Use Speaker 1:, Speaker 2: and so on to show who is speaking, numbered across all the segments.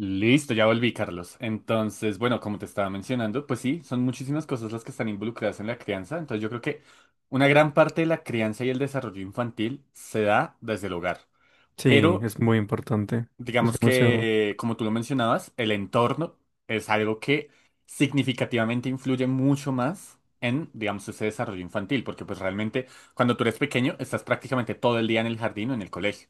Speaker 1: Listo, ya volví, Carlos. Entonces, bueno, como te estaba mencionando, pues sí, son muchísimas cosas las que están involucradas en la crianza. Entonces, yo creo que una gran parte de la crianza y el desarrollo infantil se da desde el hogar.
Speaker 2: Sí,
Speaker 1: Pero
Speaker 2: es muy importante. Es
Speaker 1: digamos
Speaker 2: demasiado.
Speaker 1: que, como tú lo mencionabas, el entorno es algo que significativamente influye mucho más en, digamos, ese desarrollo infantil, porque pues realmente cuando tú eres pequeño estás prácticamente todo el día en el jardín o en el colegio.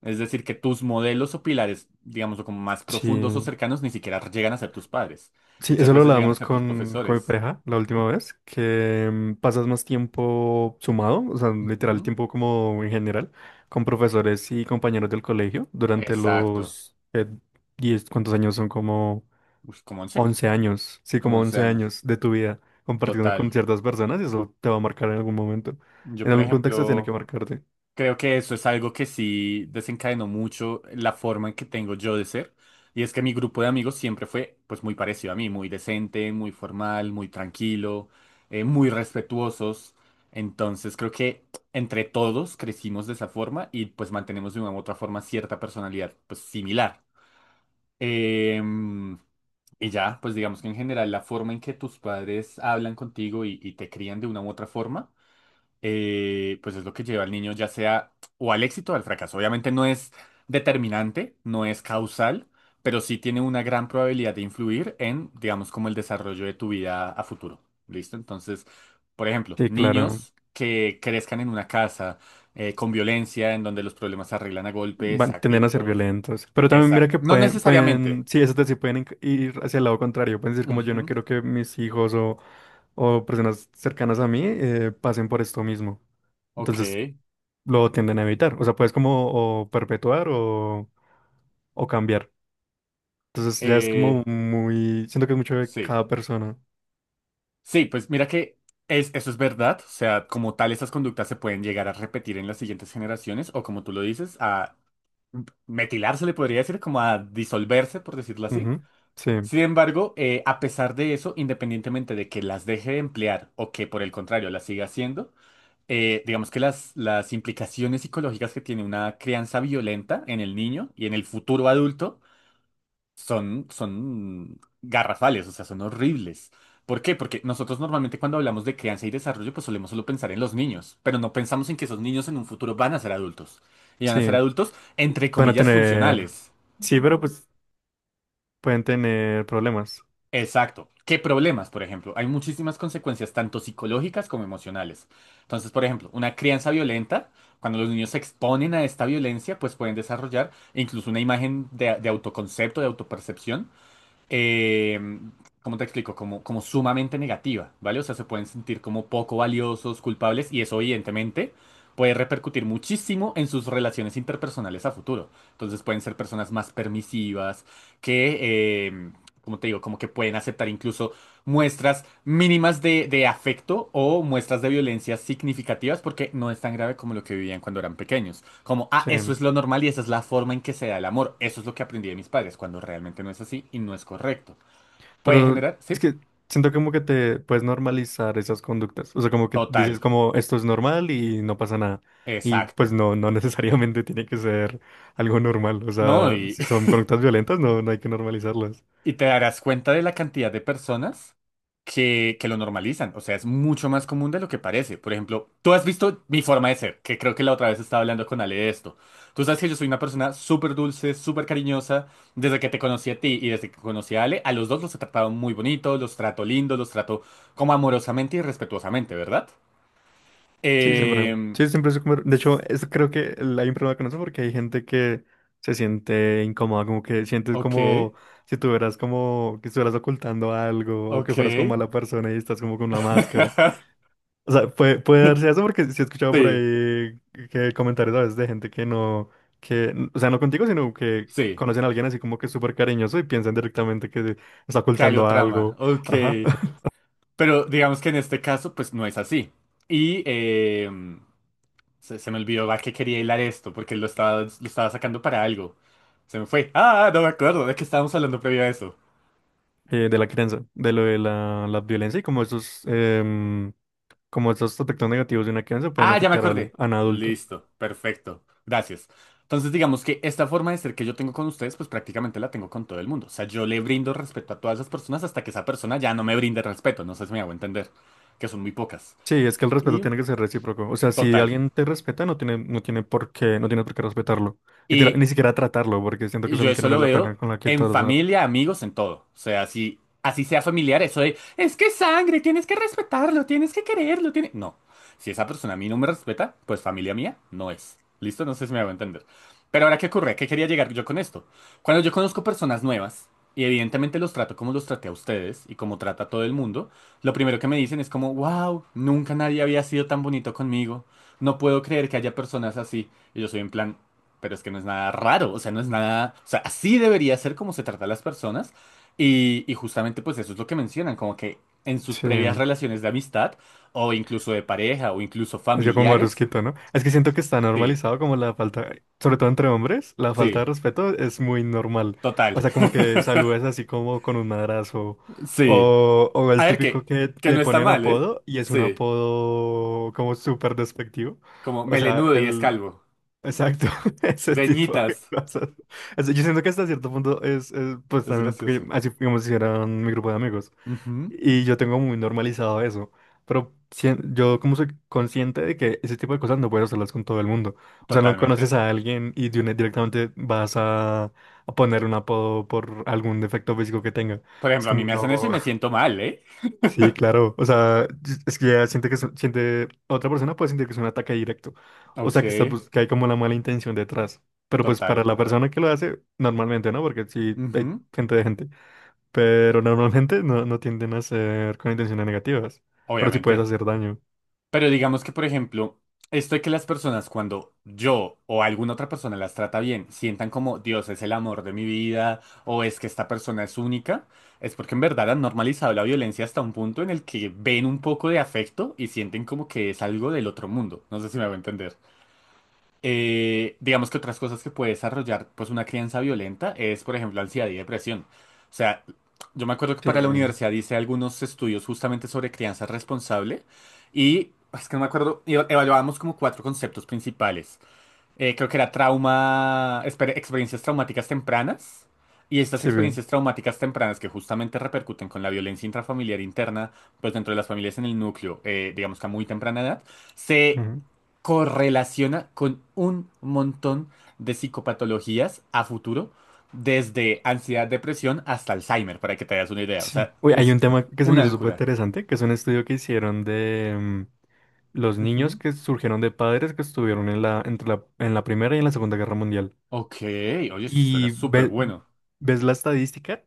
Speaker 1: Es decir, que tus modelos o pilares, digamos, o como más profundos o
Speaker 2: Sí,
Speaker 1: cercanos, ni siquiera llegan a ser tus padres.
Speaker 2: sí,
Speaker 1: Muchas
Speaker 2: eso lo
Speaker 1: veces llegan a
Speaker 2: hablábamos
Speaker 1: ser tus
Speaker 2: con mi
Speaker 1: profesores.
Speaker 2: pareja la última vez, que pasas más tiempo sumado, o sea, literal
Speaker 1: ¿Mm?
Speaker 2: tiempo como en general, con profesores y compañeros del colegio durante
Speaker 1: Exacto.
Speaker 2: los 10, ¿cuántos años son? Como
Speaker 1: Uy, como 11
Speaker 2: 11 años, sí, como 11
Speaker 1: años.
Speaker 2: años de tu vida compartiendo con
Speaker 1: Total.
Speaker 2: ciertas personas y eso te va a marcar en algún momento.
Speaker 1: Yo,
Speaker 2: En
Speaker 1: por
Speaker 2: algún contexto tiene que
Speaker 1: ejemplo...
Speaker 2: marcarte.
Speaker 1: Creo que eso es algo que sí desencadenó mucho la forma en que tengo yo de ser. Y es que mi grupo de amigos siempre fue pues muy parecido a mí, muy decente, muy formal, muy tranquilo, muy respetuosos. Entonces creo que entre todos crecimos de esa forma y pues mantenemos de una u otra forma cierta personalidad pues similar. Em, y ya, pues digamos que en general la forma en que tus padres hablan contigo y te crían de una u otra forma pues es lo que lleva al niño ya sea o al éxito o al fracaso. Obviamente no es determinante, no es causal, pero sí tiene una gran probabilidad de influir en, digamos, como el desarrollo de tu vida a futuro. ¿Listo? Entonces, por ejemplo,
Speaker 2: Sí, claro.
Speaker 1: niños que crezcan en una casa con violencia, en donde los problemas se arreglan a golpes, a
Speaker 2: Van, tienden a ser
Speaker 1: gritos.
Speaker 2: violentos. Pero también mira
Speaker 1: Exacto.
Speaker 2: que
Speaker 1: No
Speaker 2: pueden,
Speaker 1: necesariamente.
Speaker 2: pueden, sí, eso sí pueden ir hacia el lado contrario. Pueden decir como yo no
Speaker 1: Ujú.
Speaker 2: quiero que mis hijos o, personas cercanas a mí pasen por esto mismo.
Speaker 1: Ok.
Speaker 2: Entonces lo tienden a evitar. O sea, puedes como o perpetuar o, cambiar. Entonces ya es como
Speaker 1: Eh,
Speaker 2: muy, siento que es mucho de
Speaker 1: sí.
Speaker 2: cada persona.
Speaker 1: Sí, pues mira que es, eso es verdad. O sea, como tal, esas conductas se pueden llegar a repetir en las siguientes generaciones, o como tú lo dices, a metilar se le podría decir, como a disolverse, por decirlo así.
Speaker 2: Ujú. Sí,
Speaker 1: Sin embargo, a pesar de eso, independientemente de que las deje de emplear o que por el contrario las siga haciendo, digamos que las implicaciones psicológicas que tiene una crianza violenta en el niño y en el futuro adulto son, son garrafales, o sea, son horribles. ¿Por qué? Porque nosotros normalmente cuando hablamos de crianza y desarrollo, pues solemos solo pensar en los niños, pero no pensamos en que esos niños en un futuro van a ser adultos. Y van a ser
Speaker 2: sí.
Speaker 1: adultos, entre
Speaker 2: Van a
Speaker 1: comillas,
Speaker 2: tener,
Speaker 1: funcionales.
Speaker 2: sí, pero pues pueden tener problemas.
Speaker 1: Exacto. ¿Qué problemas, por ejemplo? Hay muchísimas consecuencias, tanto psicológicas como emocionales. Entonces, por ejemplo, una crianza violenta, cuando los niños se exponen a esta violencia, pues pueden desarrollar incluso una imagen de autoconcepto, de autopercepción eh, ¿cómo te explico? Como, como sumamente negativa, ¿vale? O sea, se pueden sentir como poco valiosos, culpables, y eso evidentemente puede repercutir muchísimo en sus relaciones interpersonales a futuro. Entonces pueden ser personas más permisivas, que, como te digo, como que pueden aceptar incluso muestras mínimas de afecto o muestras de violencia significativas porque no es tan grave como lo que vivían cuando eran pequeños. Como, ah, eso
Speaker 2: Sí.
Speaker 1: es lo normal y esa es la forma en que se da el amor. Eso es lo que aprendí de mis padres, cuando realmente no es así y no es correcto. Puede
Speaker 2: Pero
Speaker 1: generar,
Speaker 2: es
Speaker 1: sí,
Speaker 2: que siento como que te puedes normalizar esas conductas. O sea, como que dices
Speaker 1: total,
Speaker 2: como esto es normal y no pasa nada. Y pues
Speaker 1: exacto.
Speaker 2: no, no necesariamente tiene que ser algo normal. O
Speaker 1: No,
Speaker 2: sea,
Speaker 1: y,
Speaker 2: si son conductas violentas, no, no hay que normalizarlas.
Speaker 1: Y te darás cuenta de la cantidad de personas que lo normalizan. O sea, es mucho más común de lo que parece. Por ejemplo, tú has visto mi forma de ser, que creo que la otra vez estaba hablando con Ale de esto. Tú sabes que yo soy una persona súper dulce, súper cariñosa. Desde que te conocí a ti y desde que conocí a Ale, a los dos los he tratado muy bonito, los trato lindo, los trato como amorosamente y respetuosamente, ¿verdad?
Speaker 2: Sí, siempre.
Speaker 1: Eh,
Speaker 2: Sí, siempre es como... De hecho, es, creo que hay un problema con eso porque hay gente que se siente incómoda, como que sientes
Speaker 1: ok,
Speaker 2: como si tuvieras como que estuvieras ocultando algo o que
Speaker 1: ok.
Speaker 2: fueras como mala persona y estás como con una máscara. O sea, puede darse eso porque sí he escuchado por
Speaker 1: Sí,
Speaker 2: ahí que comentarios a veces de gente que no, o sea, no contigo, sino que
Speaker 1: sí.
Speaker 2: conocen a alguien así como que súper cariñoso y piensan directamente que está
Speaker 1: Calio
Speaker 2: ocultando
Speaker 1: trama.
Speaker 2: algo,
Speaker 1: Ok.
Speaker 2: ajá.
Speaker 1: Pero digamos que en este caso, pues no es así. Y se, se me olvidó a qué quería hilar esto, porque lo estaba sacando para algo. Se me fue. Ah, no me acuerdo de qué estábamos hablando previo a eso.
Speaker 2: De la crianza, de lo de la violencia y como esos, como esos aspectos negativos de una crianza pueden
Speaker 1: Ah, ya me
Speaker 2: afectar al,
Speaker 1: acordé.
Speaker 2: a un adulto.
Speaker 1: Listo, perfecto. Gracias. Entonces, digamos que esta forma de ser que yo tengo con ustedes, pues prácticamente la tengo con todo el mundo. O sea, yo le brindo respeto a todas las personas hasta que esa persona ya no me brinde respeto. No sé si me hago entender, que son muy pocas.
Speaker 2: Sí, es que el respeto
Speaker 1: Y
Speaker 2: tiene que ser recíproco. O sea, si
Speaker 1: total.
Speaker 2: alguien te respeta, no tiene, no tiene por qué respetarlo. Ni, tira-
Speaker 1: Y
Speaker 2: ni siquiera tratarlo, porque siento que es
Speaker 1: Yo
Speaker 2: alguien que
Speaker 1: eso
Speaker 2: no le
Speaker 1: lo
Speaker 2: da la
Speaker 1: veo
Speaker 2: pena con la que
Speaker 1: en
Speaker 2: tratar.
Speaker 1: familia, amigos, en todo. O sea, si así sea familiar, eso de es que es sangre, tienes que respetarlo, tienes que quererlo, tiene... No. Si esa persona a mí no me respeta, pues familia mía no es. ¿Listo? No sé si me hago entender. Pero ahora, ¿qué ocurre? ¿Qué quería llegar yo con esto? Cuando yo conozco personas nuevas, y evidentemente los trato como los traté a ustedes y como trata a todo el mundo, lo primero que me dicen es como, wow, nunca nadie había sido tan bonito conmigo. No puedo creer que haya personas así. Y yo soy en plan, pero es que no es nada raro, o sea, no es nada, o sea, así debería ser como se trata a las personas y justamente pues eso es lo que mencionan, como que en sus
Speaker 2: Sí,
Speaker 1: previas relaciones de amistad o incluso de pareja o incluso
Speaker 2: hacía como
Speaker 1: familiares,
Speaker 2: barusquito, ¿no? Es que siento que está
Speaker 1: sí,
Speaker 2: normalizado como la falta, sobre todo entre hombres, la falta de
Speaker 1: sí,
Speaker 2: respeto es muy normal.
Speaker 1: total,
Speaker 2: O sea, como que saludes así como con un madrazo.
Speaker 1: sí.
Speaker 2: O
Speaker 1: A
Speaker 2: el
Speaker 1: ver
Speaker 2: típico que
Speaker 1: que
Speaker 2: le
Speaker 1: no está
Speaker 2: ponen
Speaker 1: mal, ¿eh?
Speaker 2: apodo y es un
Speaker 1: Sí,
Speaker 2: apodo como súper despectivo.
Speaker 1: como
Speaker 2: O sea,
Speaker 1: melenudo y es
Speaker 2: el...
Speaker 1: calvo,
Speaker 2: Exacto, ese tipo de
Speaker 1: greñitas,
Speaker 2: cosas. O sea, yo siento que hasta cierto punto es, pues
Speaker 1: es
Speaker 2: también, porque
Speaker 1: gracioso.
Speaker 2: así como si era mi grupo de amigos.
Speaker 1: Ujú,
Speaker 2: Y yo tengo muy normalizado eso. Pero yo como soy consciente de que ese tipo de cosas no puedes hacerlas con todo el mundo. O sea, no
Speaker 1: totalmente.
Speaker 2: conoces a alguien y de directamente vas a poner un apodo por algún defecto físico que tenga.
Speaker 1: Por
Speaker 2: Es
Speaker 1: ejemplo, a mí
Speaker 2: como,
Speaker 1: me hacen eso y
Speaker 2: no.
Speaker 1: me siento mal, ¿eh?
Speaker 2: Sí, claro. O sea, es que ya siente, otra persona puede sentir que es un ataque directo. O
Speaker 1: Ok,
Speaker 2: sea, que, está, que hay como la mala intención detrás. Pero pues para
Speaker 1: total.
Speaker 2: la persona que lo hace, normalmente, ¿no? Porque sí hay
Speaker 1: Ujú,
Speaker 2: gente de gente, pero normalmente no tienden a ser con intenciones negativas, pero sí puedes
Speaker 1: obviamente.
Speaker 2: hacer daño.
Speaker 1: Pero digamos que, por ejemplo, esto de que las personas cuando yo o alguna otra persona las trata bien, sientan como Dios es el amor de mi vida o es que esta persona es única, es porque en verdad han normalizado la violencia hasta un punto en el que ven un poco de afecto y sienten como que es algo del otro mundo. No sé si me voy a entender. Digamos que otras cosas que puede desarrollar pues una crianza violenta es, por ejemplo, ansiedad y depresión. O sea, yo me acuerdo que
Speaker 2: Sí,
Speaker 1: para la universidad hice algunos estudios justamente sobre crianza responsable y es que no me acuerdo, y evaluábamos como 4 conceptos principales creo que era trauma, experiencias traumáticas tempranas. Y estas
Speaker 2: sí, bien.
Speaker 1: experiencias traumáticas tempranas que justamente repercuten con la violencia intrafamiliar interna, pues dentro de las familias en el núcleo, digamos que a muy temprana edad, se
Speaker 2: Ujú.
Speaker 1: correlaciona con un montón de psicopatologías a futuro, desde ansiedad, depresión hasta Alzheimer, para que te hagas una idea. O
Speaker 2: Sí.
Speaker 1: sea,
Speaker 2: Uy, hay
Speaker 1: es
Speaker 2: un tema que se me
Speaker 1: una
Speaker 2: hizo súper
Speaker 1: locura.
Speaker 2: interesante, que es un estudio que hicieron de los niños
Speaker 1: Ujú.
Speaker 2: que surgieron de padres que estuvieron en la Primera y en la Segunda Guerra Mundial.
Speaker 1: Ok, oye, esto suena
Speaker 2: Y
Speaker 1: súper bueno.
Speaker 2: ves la estadística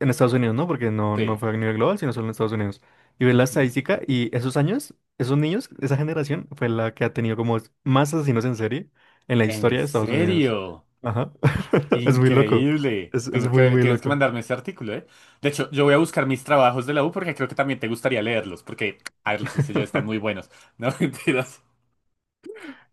Speaker 2: en Estados Unidos, ¿no? Porque no
Speaker 1: Sí.
Speaker 2: fue a nivel global, sino solo en Estados Unidos. Y ves la
Speaker 1: Ujú.
Speaker 2: estadística y esos años, esos niños, esa generación fue la que ha tenido como más asesinos en serie en la
Speaker 1: ¿En
Speaker 2: historia de Estados Unidos.
Speaker 1: serio?
Speaker 2: Ajá. Es muy loco.
Speaker 1: Increíble.
Speaker 2: Es
Speaker 1: Tengo que
Speaker 2: muy,
Speaker 1: ver,
Speaker 2: muy
Speaker 1: tienes que
Speaker 2: loco.
Speaker 1: mandarme ese artículo, ¿eh? De hecho, yo voy a buscar mis trabajos de la U porque creo que también te gustaría leerlos, porque, a ver, los hice yo, están muy buenos. No, mentiras.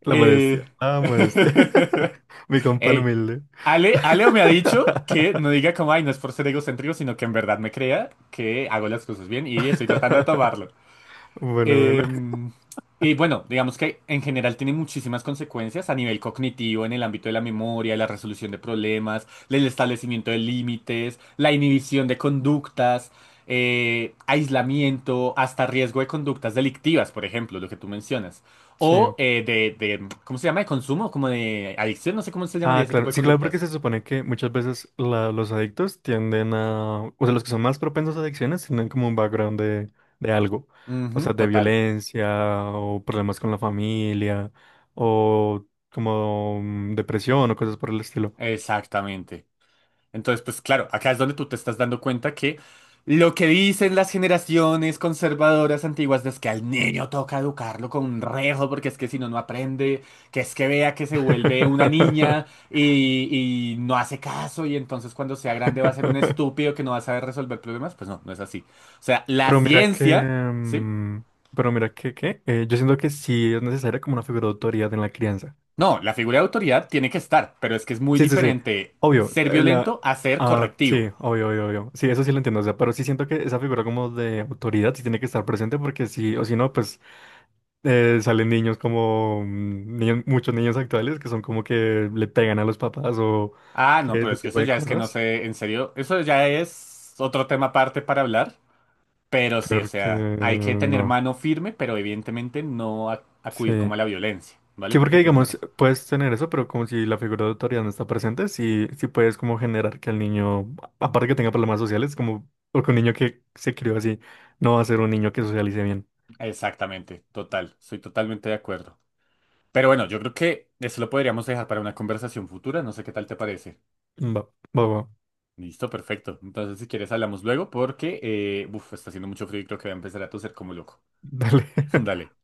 Speaker 2: La modestia.
Speaker 1: Eh...
Speaker 2: La modestia. Mi compa el
Speaker 1: Ey,
Speaker 2: humilde.
Speaker 1: Ale, Aleo me ha dicho que no diga como, ay, no es por ser egocéntrico, sino que en verdad me crea que hago las cosas bien y estoy tratando de tomarlo.
Speaker 2: Bueno, bueno.
Speaker 1: Em, y bueno, digamos que en general tiene muchísimas consecuencias a nivel cognitivo, en el ámbito de la memoria, la resolución de problemas, el establecimiento de límites, la inhibición de conductas, aislamiento, hasta riesgo de conductas delictivas, por ejemplo, lo que tú mencionas. O
Speaker 2: Sí.
Speaker 1: ¿cómo se llama? De consumo, como de adicción, no sé cómo se llamaría
Speaker 2: Ah,
Speaker 1: ese tipo
Speaker 2: claro.
Speaker 1: de
Speaker 2: Sí, claro, porque
Speaker 1: conductas.
Speaker 2: se supone que muchas veces los adictos tienden a, o sea, los que son más propensos a adicciones tienen como un background de algo, o
Speaker 1: Ujú,
Speaker 2: sea, de
Speaker 1: total,
Speaker 2: violencia o problemas con la familia o como depresión o cosas por el estilo.
Speaker 1: exactamente. Entonces, pues claro, acá es donde tú te estás dando cuenta que lo que dicen las generaciones conservadoras antiguas es que al niño toca educarlo con un rejo porque es que si no, no aprende, que es que vea que se vuelve una niña y no hace caso y entonces cuando sea grande va a ser un estúpido que no va a saber resolver problemas, pues no, no es así. O sea, la
Speaker 2: Pero mira que,
Speaker 1: ciencia, ¿sí?
Speaker 2: mm, pero mira que, ¿qué? Yo siento que sí es necesaria como una figura de autoridad en la crianza.
Speaker 1: No, la figura de autoridad tiene que estar, pero es que es muy
Speaker 2: Sí, sí, sí.
Speaker 1: diferente
Speaker 2: Obvio.
Speaker 1: ser violento a ser
Speaker 2: Ah,
Speaker 1: correctivo.
Speaker 2: sí, obvio, obvio, obvio. Sí, eso sí lo entiendo. O sea, pero sí siento que esa figura como de autoridad sí tiene que estar presente porque sí, o si no, pues salen niños como muchos niños actuales que son como que le pegan a los papás o
Speaker 1: Ah, no,
Speaker 2: que
Speaker 1: pero
Speaker 2: ese
Speaker 1: es que
Speaker 2: tipo
Speaker 1: eso
Speaker 2: de
Speaker 1: ya es que no
Speaker 2: cosas.
Speaker 1: sé, en serio, eso ya es otro tema aparte para hablar, pero sí, o
Speaker 2: Porque
Speaker 1: sea, hay que tener
Speaker 2: no.
Speaker 1: mano firme, pero evidentemente no acudir como
Speaker 2: Sí.
Speaker 1: a la violencia, ¿vale?
Speaker 2: Sí, porque
Speaker 1: Porque tiene una
Speaker 2: digamos,
Speaker 1: razón.
Speaker 2: puedes tener eso, pero como si la figura de autoridad no está presente, sí, sí puedes como generar que el niño, aparte que tenga problemas sociales, como porque un niño que se crió así no va a ser un niño que socialice bien.
Speaker 1: Exactamente, total, soy totalmente de acuerdo. Pero bueno, yo creo que eso lo podríamos dejar para una conversación futura, no sé qué tal te parece.
Speaker 2: Va, va, va.
Speaker 1: Listo, perfecto. Entonces, si quieres, hablamos luego porque, uf, está haciendo mucho frío y creo que voy a empezar a toser como loco.
Speaker 2: Dale.
Speaker 1: Dale.